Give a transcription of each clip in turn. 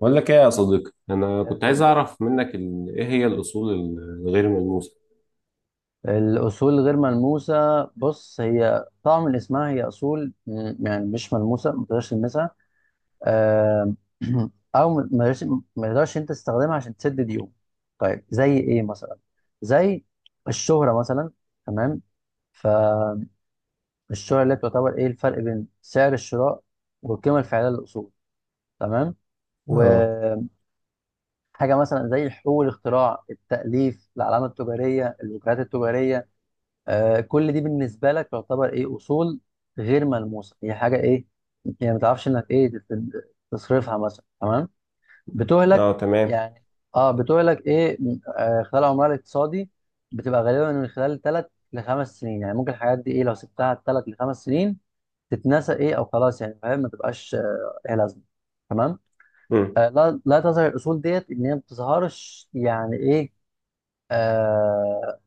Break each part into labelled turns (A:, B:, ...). A: بقول لك ايه يا صديقي، انا
B: يا
A: كنت عايز
B: غالي،
A: اعرف منك ايه هي الاصول الغير ملموسه؟
B: الأصول غير ملموسة. بص هي طبعا من اسمها هي أصول مش ملموسة، ما تقدرش تلمسها. آم، أو ما تقدرش أنت تستخدمها عشان تسد ديون. طيب زي إيه مثلا؟ زي الشهرة مثلا. تمام. فالشهرة اللي تعتبر إيه الفرق بين سعر الشراء والقيمة الفعلية للأصول. تمام.
A: اه،
B: وحاجة مثلا زي حقوق الاختراع، التأليف، العلامة التجارية، الوكالات التجارية. آه كل دي بالنسبه لك تعتبر ايه؟ اصول غير ملموسه، هي حاجه ايه يعني، ما تعرفش انك ايه تصرفها مثلا. تمام. بتهلك
A: اه، تمام.
B: يعني. اه بتهلك ايه خلال عمرها الاقتصادي. بتبقى غالبا من خلال ثلاث لخمس سنين. يعني ممكن الحاجات دي ايه لو سبتها ثلاث لخمس سنين تتنسى ايه او خلاص يعني، فاهم، ما تبقاش إيه لازمه. تمام.
A: مم.
B: آه لا، لا تظهر الاصول ديت، ان هي ما بتظهرش يعني ايه. آه،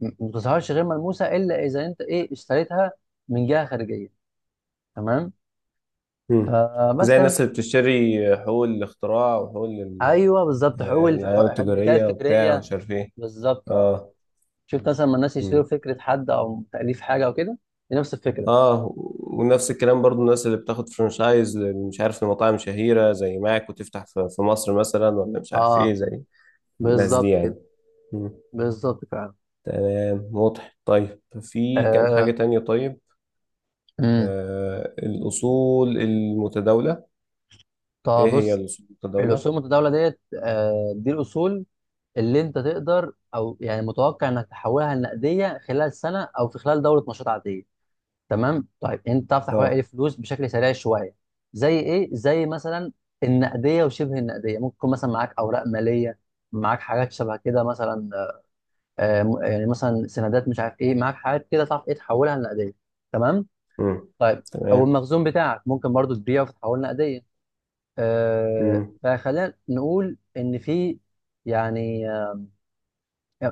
B: ما بتظهرش غير ملموسه الا اذا انت ايه اشتريتها من جهه خارجيه. تمام.
A: مم.
B: فبس
A: زي
B: ده
A: الناس
B: بالنسبة-
A: اللي بتشتري حقوق الاختراع وحقوق
B: ايوه بالظبط،
A: آه، العلامة
B: حقوق الملكيه
A: التجارية وبتاع
B: الفكريه.
A: ومش عارف ايه.
B: بالظبط اه.
A: اه.
B: شفت مثلا لما الناس يشتروا
A: مم.
B: فكره حد او تاليف حاجه او كده، دي نفس الفكره.
A: اه، ونفس الكلام برضو، الناس اللي بتاخد فرانشايز مش عارف لمطاعم شهيرة زي ماك وتفتح في مصر مثلا، ولا مش عارف ايه،
B: اه
A: زي الناس دي
B: بالظبط
A: يعني.
B: كده.
A: مم.
B: بالظبط فعلا.
A: تمام، واضح. طيب، في كان حاجة
B: آه.
A: تانية؟ طيب،
B: امم
A: الأصول المتداولة،
B: طب
A: إيه هي
B: بص،
A: الأصول
B: الاصول
A: المتداولة؟
B: المتداوله ديت دي الاصول اللي انت تقدر او يعني متوقع انك تحولها لنقديه خلال سنه او في خلال دوره نشاط عاديه. تمام. طيب انت تعرف تحويل اي
A: آه
B: فلوس بشكل سريع شويه زي ايه؟ زي مثلا النقديه وشبه النقديه. ممكن يكون مثلا معاك اوراق ماليه، معاك حاجات شبه كده مثلا. يعني مثلا سندات، مش عارف ايه، معاك حاجات كده تعرف ايه تحولها لنقديه. تمام.
A: مم.
B: طيب او
A: تمام.
B: المخزون بتاعك ممكن برضو تبيعه وتتحول نقديه. آه
A: مم.
B: فخلينا نقول ان في يعني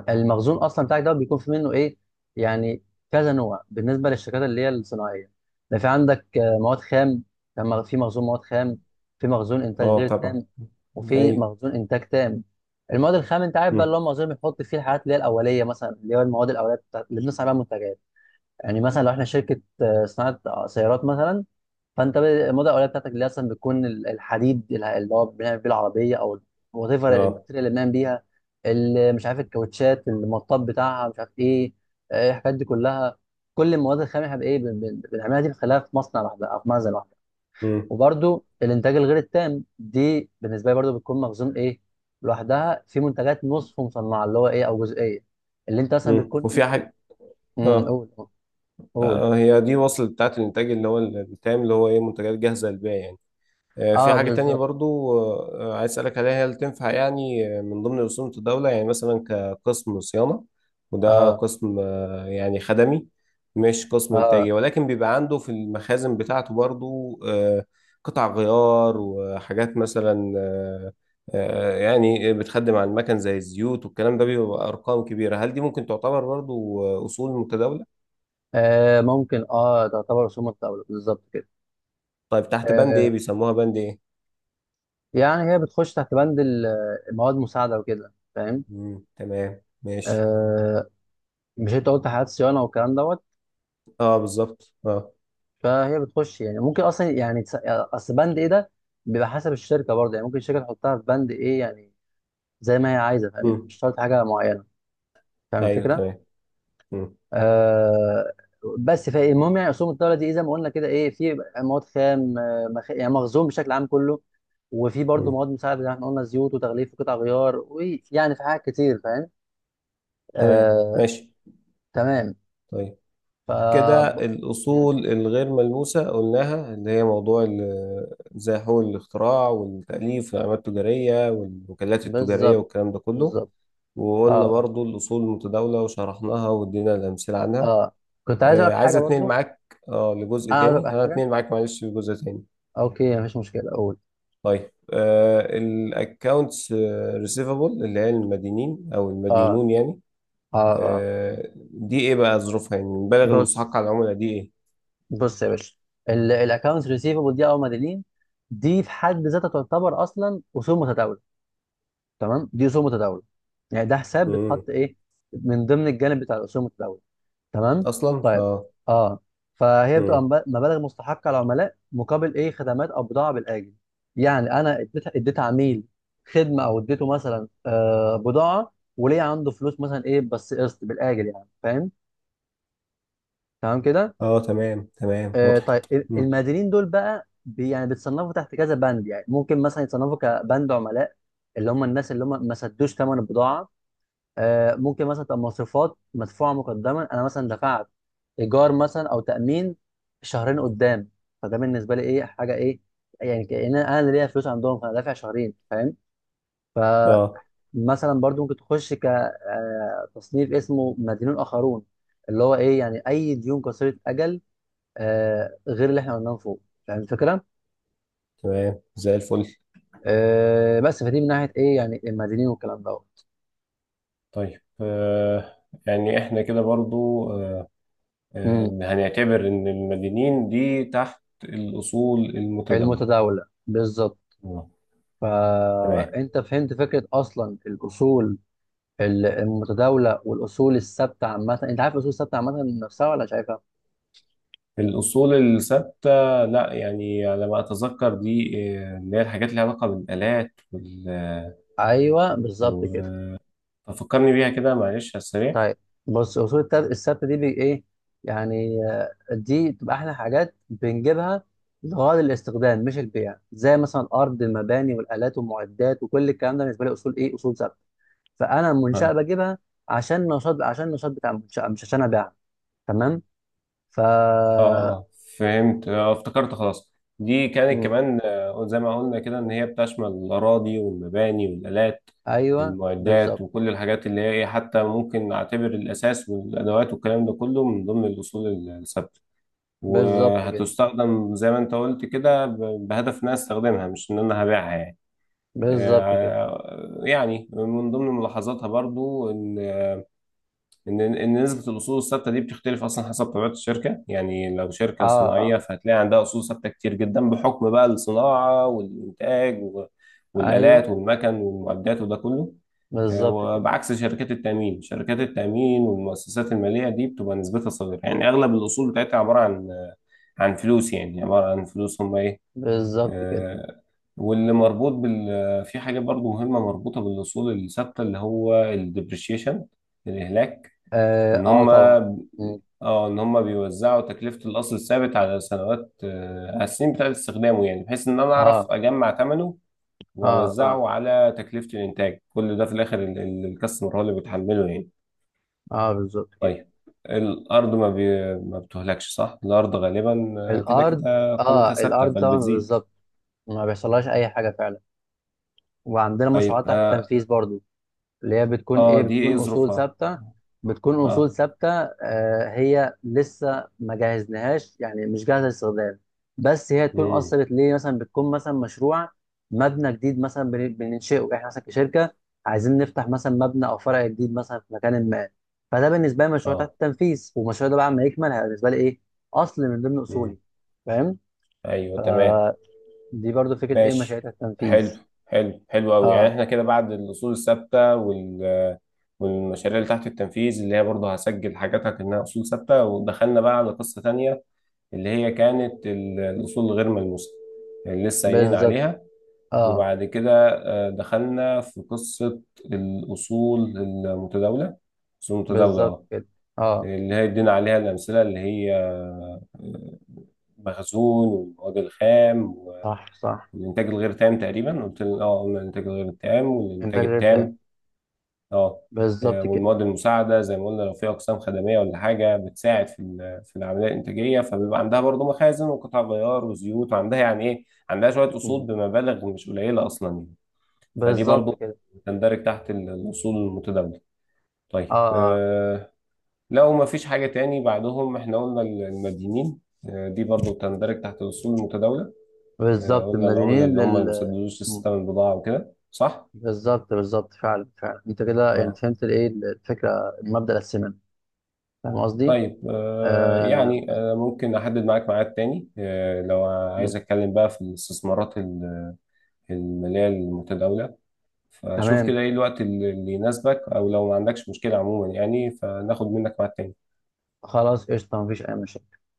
B: المخزون اصلا بتاعك ده بيكون في منه ايه يعني كذا نوع بالنسبه للشركات اللي هي الصناعيه. ده في عندك مواد خام. لما في مخزون مواد خام، في مخزون انتاج
A: آه
B: غير
A: طبعا.
B: تام، وفي
A: أيوه.
B: مخزون انتاج تام. المواد الخام انت عارف بقى
A: مم.
B: اللي هو مخزون بيحط فيه الحاجات اللي هي الاوليه، مثلا اللي هو المواد الاوليه بتاعت- اللي بنصنع بيها منتجات. يعني مثلا لو احنا شركه صناعه سيارات مثلا، فانت ب- الموضه الاوليه بتاعتك اللي اصلا بتكون الحديد، اللي هو بنعمل بيه العربيه، او وات ايفر
A: آه
B: الماتيريال اللي بنعمل بيها. مش عارف الكاوتشات المطاط بتاعها، مش عارف ايه. الحاجات دي كلها، كل المواد الخام احنا بايه بنعملها دي بنخليها في مصنع لوحدها او في مخزن لوحدها.
A: مم.
B: وبرده الانتاج الغير التام دي بالنسبه لي برده بتكون مخزون ايه، لوحدها، في منتجات نصف مصنعه اللي هو ايه او جزئيه، اللي انت مثلا
A: مم.
B: بتكون.
A: وفي حاجة. آه.
B: قول، قول.
A: آه، هي دي وصلت بتاعت الإنتاج اللي هو التام، اللي هو إيه، منتجات جاهزة للبيع يعني. في
B: اه
A: حاجة تانية
B: بالظبط،
A: برضو عايز أسألك عليها، هل تنفع يعني من ضمن رسوم الدولة يعني مثلا كقسم صيانة، وده
B: اه
A: قسم يعني خدمي، مش قسم
B: اه.
A: إنتاجي، ولكن بيبقى عنده في المخازن بتاعته برضو قطع غيار وحاجات مثلا يعني بتخدم على المكن زي الزيوت والكلام ده، بيبقى أرقام كبيرة، هل دي ممكن تعتبر برضو أصول متداولة؟
B: آه ممكن، اه تعتبر رسوم متداولة، بالظبط كده.
A: طيب، تحت بند إيه
B: آه
A: بيسموها، بند إيه؟
B: يعني هي بتخش تحت بند المواد المساعدة وكده، فاهم.
A: مم، تمام ماشي.
B: آه مش انت قلت حالات صيانة والكلام دوت،
A: اه، بالظبط اه.
B: فهي بتخش يعني ممكن اصلا يعني اصل بند ايه ده بيبقى حسب الشركة برضه، يعني ممكن الشركة تحطها في بند ايه يعني زي ما هي عايزة، فاهم، يعني
A: مم.
B: مش شرط حاجة معينة. فاهم
A: ايوه
B: الفكرة؟
A: تمام. مم.
B: آه. بس فالمهم يعني اسهم الدوله دي إيه، زي ما قلنا كده ايه، في مواد خام، يعني مخزون بشكل عام كله، وفي برضه
A: مم.
B: مواد مساعده زي ما احنا قلنا، زيوت وتغليف وقطع غيار، ويعني في حاجات كتير، فاهم.
A: تمام
B: آه
A: ماشي.
B: تمام.
A: طيب،
B: ف
A: كده
B: ب- مم.
A: الاصول الغير ملموسه قلناها، اللي هي موضوع زي حقوق الاختراع والتاليف والعلامات التجاريه والوكالات التجاريه
B: بالظبط،
A: والكلام ده كله.
B: بالظبط. اه
A: وقلنا
B: اه
A: برضو الاصول المتداوله وشرحناها وادينا الامثله عنها.
B: اه. كنت عايز اقول
A: آه،
B: لك
A: عايز
B: حاجه
A: اتنقل
B: برضو.
A: معاك اه لجزء
B: انا عايز
A: تاني،
B: اقول لك
A: انا
B: حاجه.
A: اتنقل معاك معلش لجزء تاني.
B: اوكي مفيش مشكله، اقول.
A: طيب، الاكونتس ريسيفابل، اللي هي المدينين او
B: اه
A: المدينون يعني،
B: اه اه.
A: دي ايه بقى ظروفها؟ يعني المبالغ
B: بص،
A: المستحقة على العملة دي ايه؟
B: بص يا باشا، الاكونت ريسيفبل دي او مدينين، دي في حد ذاتها تعتبر اصلا اصول متداوله. تمام، دي اصول متداوله. يعني ده حساب
A: مم.
B: بيتحط ايه من ضمن الجانب بتاع الاصول المتداوله. تمام.
A: اصلا
B: طيب
A: اه.
B: اه. فهي بتبقى
A: مم.
B: مبالغ مستحقه العملاء مقابل ايه، خدمات او بضاعه بالاجل. يعني انا اديت عميل خدمه او اديته مثلا بضاعه، وليه عنده فلوس مثلا ايه بس قسط بالاجل، يعني فاهم. تمام كده.
A: اه تمام تمام،
B: آه،
A: وضحت.
B: طيب ال-
A: مم.
B: المقاولين دول بقى بي يعني بيتصنفوا تحت كذا بند، يعني ممكن مثلا يتصنفوا كبند عملاء، اللي هم الناس اللي هم ما سدوش ثمن البضاعه. ممكن مثلا تبقى مصروفات مدفوعه مقدما، انا مثلا دفعت ايجار مثلا او تامين شهرين قدام، فده بالنسبه لي ايه، حاجه ايه، يعني كأن انا اللي ليا فلوس عندهم فانا دافع شهرين، فاهم. فمثلا
A: اه
B: برضو ممكن تخش كتصنيف اسمه مدينون اخرون، اللي هو ايه يعني اي ديون قصيره اجل آه غير اللي احنا قلناه من فوق. فاهم الفكره؟
A: تمام، زي الفل.
B: آه بس فدي من ناحيه ايه يعني المدنيين والكلام دوت.
A: طيب يعني احنا كده برضو
B: امم
A: هنعتبر ان المدينين دي تحت الاصول المتداولة.
B: المتداوله بالظبط.
A: آه، تمام.
B: فانت فهمت فكره اصلا الاصول المتداوله والاصول الثابته عامه. انت عارف الاصول الثابته عامه نفسها ولا شايفها؟
A: الاصول الثابتة، لا يعني على ما اتذكر دي اللي هي الحاجات اللي لها علاقة بالالات وال... آه،
B: ايوه بالظبط
A: و-
B: كده.
A: آه، ففكرني بيها كده معلش على السريع.
B: طيب بص، اصول الثبت دي بي ايه يعني، دي بتبقى احلى حاجات بنجيبها لغرض الاستخدام مش البيع، زي مثلا الارض، المباني، والالات، والمعدات، وكل الكلام ده بالنسبه لي اصول ايه، اصول ثبت. فانا المنشاه
A: آه.
B: بجيبها عشان النشاط، عشان النشاط بتاع المنشاه، مش عشان ابيعها. تمام. ف
A: اه فهمت، آه افتكرت، خلاص دي كانت
B: مم.
A: كمان زي ما قلنا كده، ان هي بتشمل الاراضي والمباني والالات
B: ايوه
A: المعدات
B: بالظبط.
A: وكل الحاجات اللي هي ايه، حتى ممكن نعتبر الاساس والادوات والكلام ده كله من ضمن الاصول الثابته.
B: بالظبط كده.
A: وهتستخدم زي ما انت قلت كده بهدف ان انا استخدمها، مش ان انا هبيعها يعني.
B: بالظبط كده.
A: يعني من ضمن ملاحظاتها برضو ان ان نسبه الاصول الثابته دي بتختلف اصلا حسب طبيعه الشركه. يعني لو
B: اه
A: شركه
B: اه.
A: صناعيه، فهتلاقي عندها اصول ثابته كتير جدا بحكم بقى الصناعه والانتاج والالات
B: ايوه
A: والمكن والمعدات وده كله.
B: بالظبط كده.
A: وبعكس شركات التامين، شركات التامين والمؤسسات الماليه دي بتبقى نسبتها صغيره، يعني اغلب الاصول بتاعتها عباره عن عن فلوس، يعني عباره عن فلوس هم ايه.
B: بالظبط كده.
A: آه، واللي مربوط بال، في حاجه برضو مهمه مربوطه بالاصول الثابته اللي هو الديبريشيشن، الاهلاك.
B: اه،
A: ان
B: آه
A: هم،
B: طبعا. مم.
A: اه، ان هم بيوزعوا تكلفة الأصل الثابت على سنوات على السنين بتاعت استخدامه، يعني بحيث ان انا اعرف
B: اه
A: اجمع ثمنه
B: اه اه
A: واوزعه على تكلفة الانتاج، كل ده في الاخر الكاستمر هو اللي بيتحمله يعني.
B: اه. بالظبط كده.
A: طيب، الارض ما بتهلكش، صح؟ الارض غالبا كده
B: الارض،
A: كده
B: اه
A: قيمتها ثابتة،
B: الارض
A: بل
B: طبعا
A: بتزيد.
B: بالظبط، ما بيحصلهاش اي حاجه فعلا. وعندنا
A: طيب،
B: مشروعات تحت
A: اه،
B: التنفيذ برضو، اللي هي بتكون ايه،
A: آه دي
B: بتكون
A: ايه
B: اصول
A: ظروفها؟
B: ثابته. بتكون اصول
A: اه.
B: ثابته آه، هي لسه ما جهزناهاش يعني مش جاهزه للاستخدام، بس هي تكون
A: امم.
B: اثرت ليه. مثلا بتكون مثلا مشروع مبنى جديد مثلا بننشئه احنا مثلا كشركه، عايزين نفتح مثلا مبنى او فرع جديد مثلا في مكان ما. فده بالنسبه لي مشروع تحت
A: اه.
B: التنفيذ، والمشروع ده بعد ما يكمل هيبقى بالنسبه لي ايه، اصل من ضمن اصولي،
A: امم.
B: فاهم.
A: ايوه تمام
B: دي برضو فكره ايه، مشاريع
A: ماشي.
B: تحت
A: حلو.
B: التنفيذ.
A: حلو، حلو قوي. يعني
B: اه
A: احنا كده بعد الاصول الثابته والمشاريع اللي تحت التنفيذ، اللي هي برضه هسجل حاجاتها كأنها أصول ثابتة، ودخلنا بقى على قصة تانية، اللي هي كانت الأصول الغير ملموسة اللي لسه قايلين
B: بالظبط.
A: عليها.
B: اه
A: وبعد كده دخلنا في قصة الأصول المتداولة، الأصول المتداولة
B: بالظبط
A: اه،
B: كده. اه.
A: اللي هي ادينا عليها الأمثلة، اللي هي المخزون والمواد الخام،
B: صح صح.
A: الانتاج الغير تام، تقريبا قلت لنا اه، قلنا الانتاج الغير التام
B: انتاج
A: والانتاج
B: غير تام.
A: التام، اه.
B: بالظبط كده.
A: والمواد المساعده زي ما قلنا، لو في اقسام خدميه ولا حاجه بتساعد في في العمليه الانتاجيه، فبيبقى عندها برضو مخازن وقطع غيار وزيوت، وعندها يعني ايه، عندها شويه
B: مم.
A: اصول بمبالغ مش قليله اصلا يعني. فدي
B: بالظبط
A: برضو
B: كده.
A: تندرج تحت الاصول المتداوله.
B: اه
A: طيب
B: اه.
A: لو ما فيش حاجه تاني بعدهم، احنا قلنا المدينين، دي برضو تندرج تحت الاصول المتداوله. آه،
B: بالظبط،
A: قلنا العملاء
B: مدينين
A: اللي هم اللي ما
B: لل
A: بيسددوش
B: مم.
A: الستة من البضاعة وكده، صح؟
B: بالظبط، بالظبط فعلا فعلا انت كده يعني
A: اه.
B: فهمت الايه الفكره، المبدأ الاساسي منه. فاهم قصدي؟
A: طيب
B: آه.
A: يعني
B: مم.
A: ممكن أحدد معاك ميعاد تاني لو عايز
B: مم.
A: أتكلم بقى في الاستثمارات المالية المتداولة؟ فشوف
B: تمام،
A: كده إيه الوقت اللي يناسبك، أو لو ما عندكش مشكلة عموما يعني فناخد منك ميعاد تاني.
B: خلاص قشطه، مفيش اي مشاكل.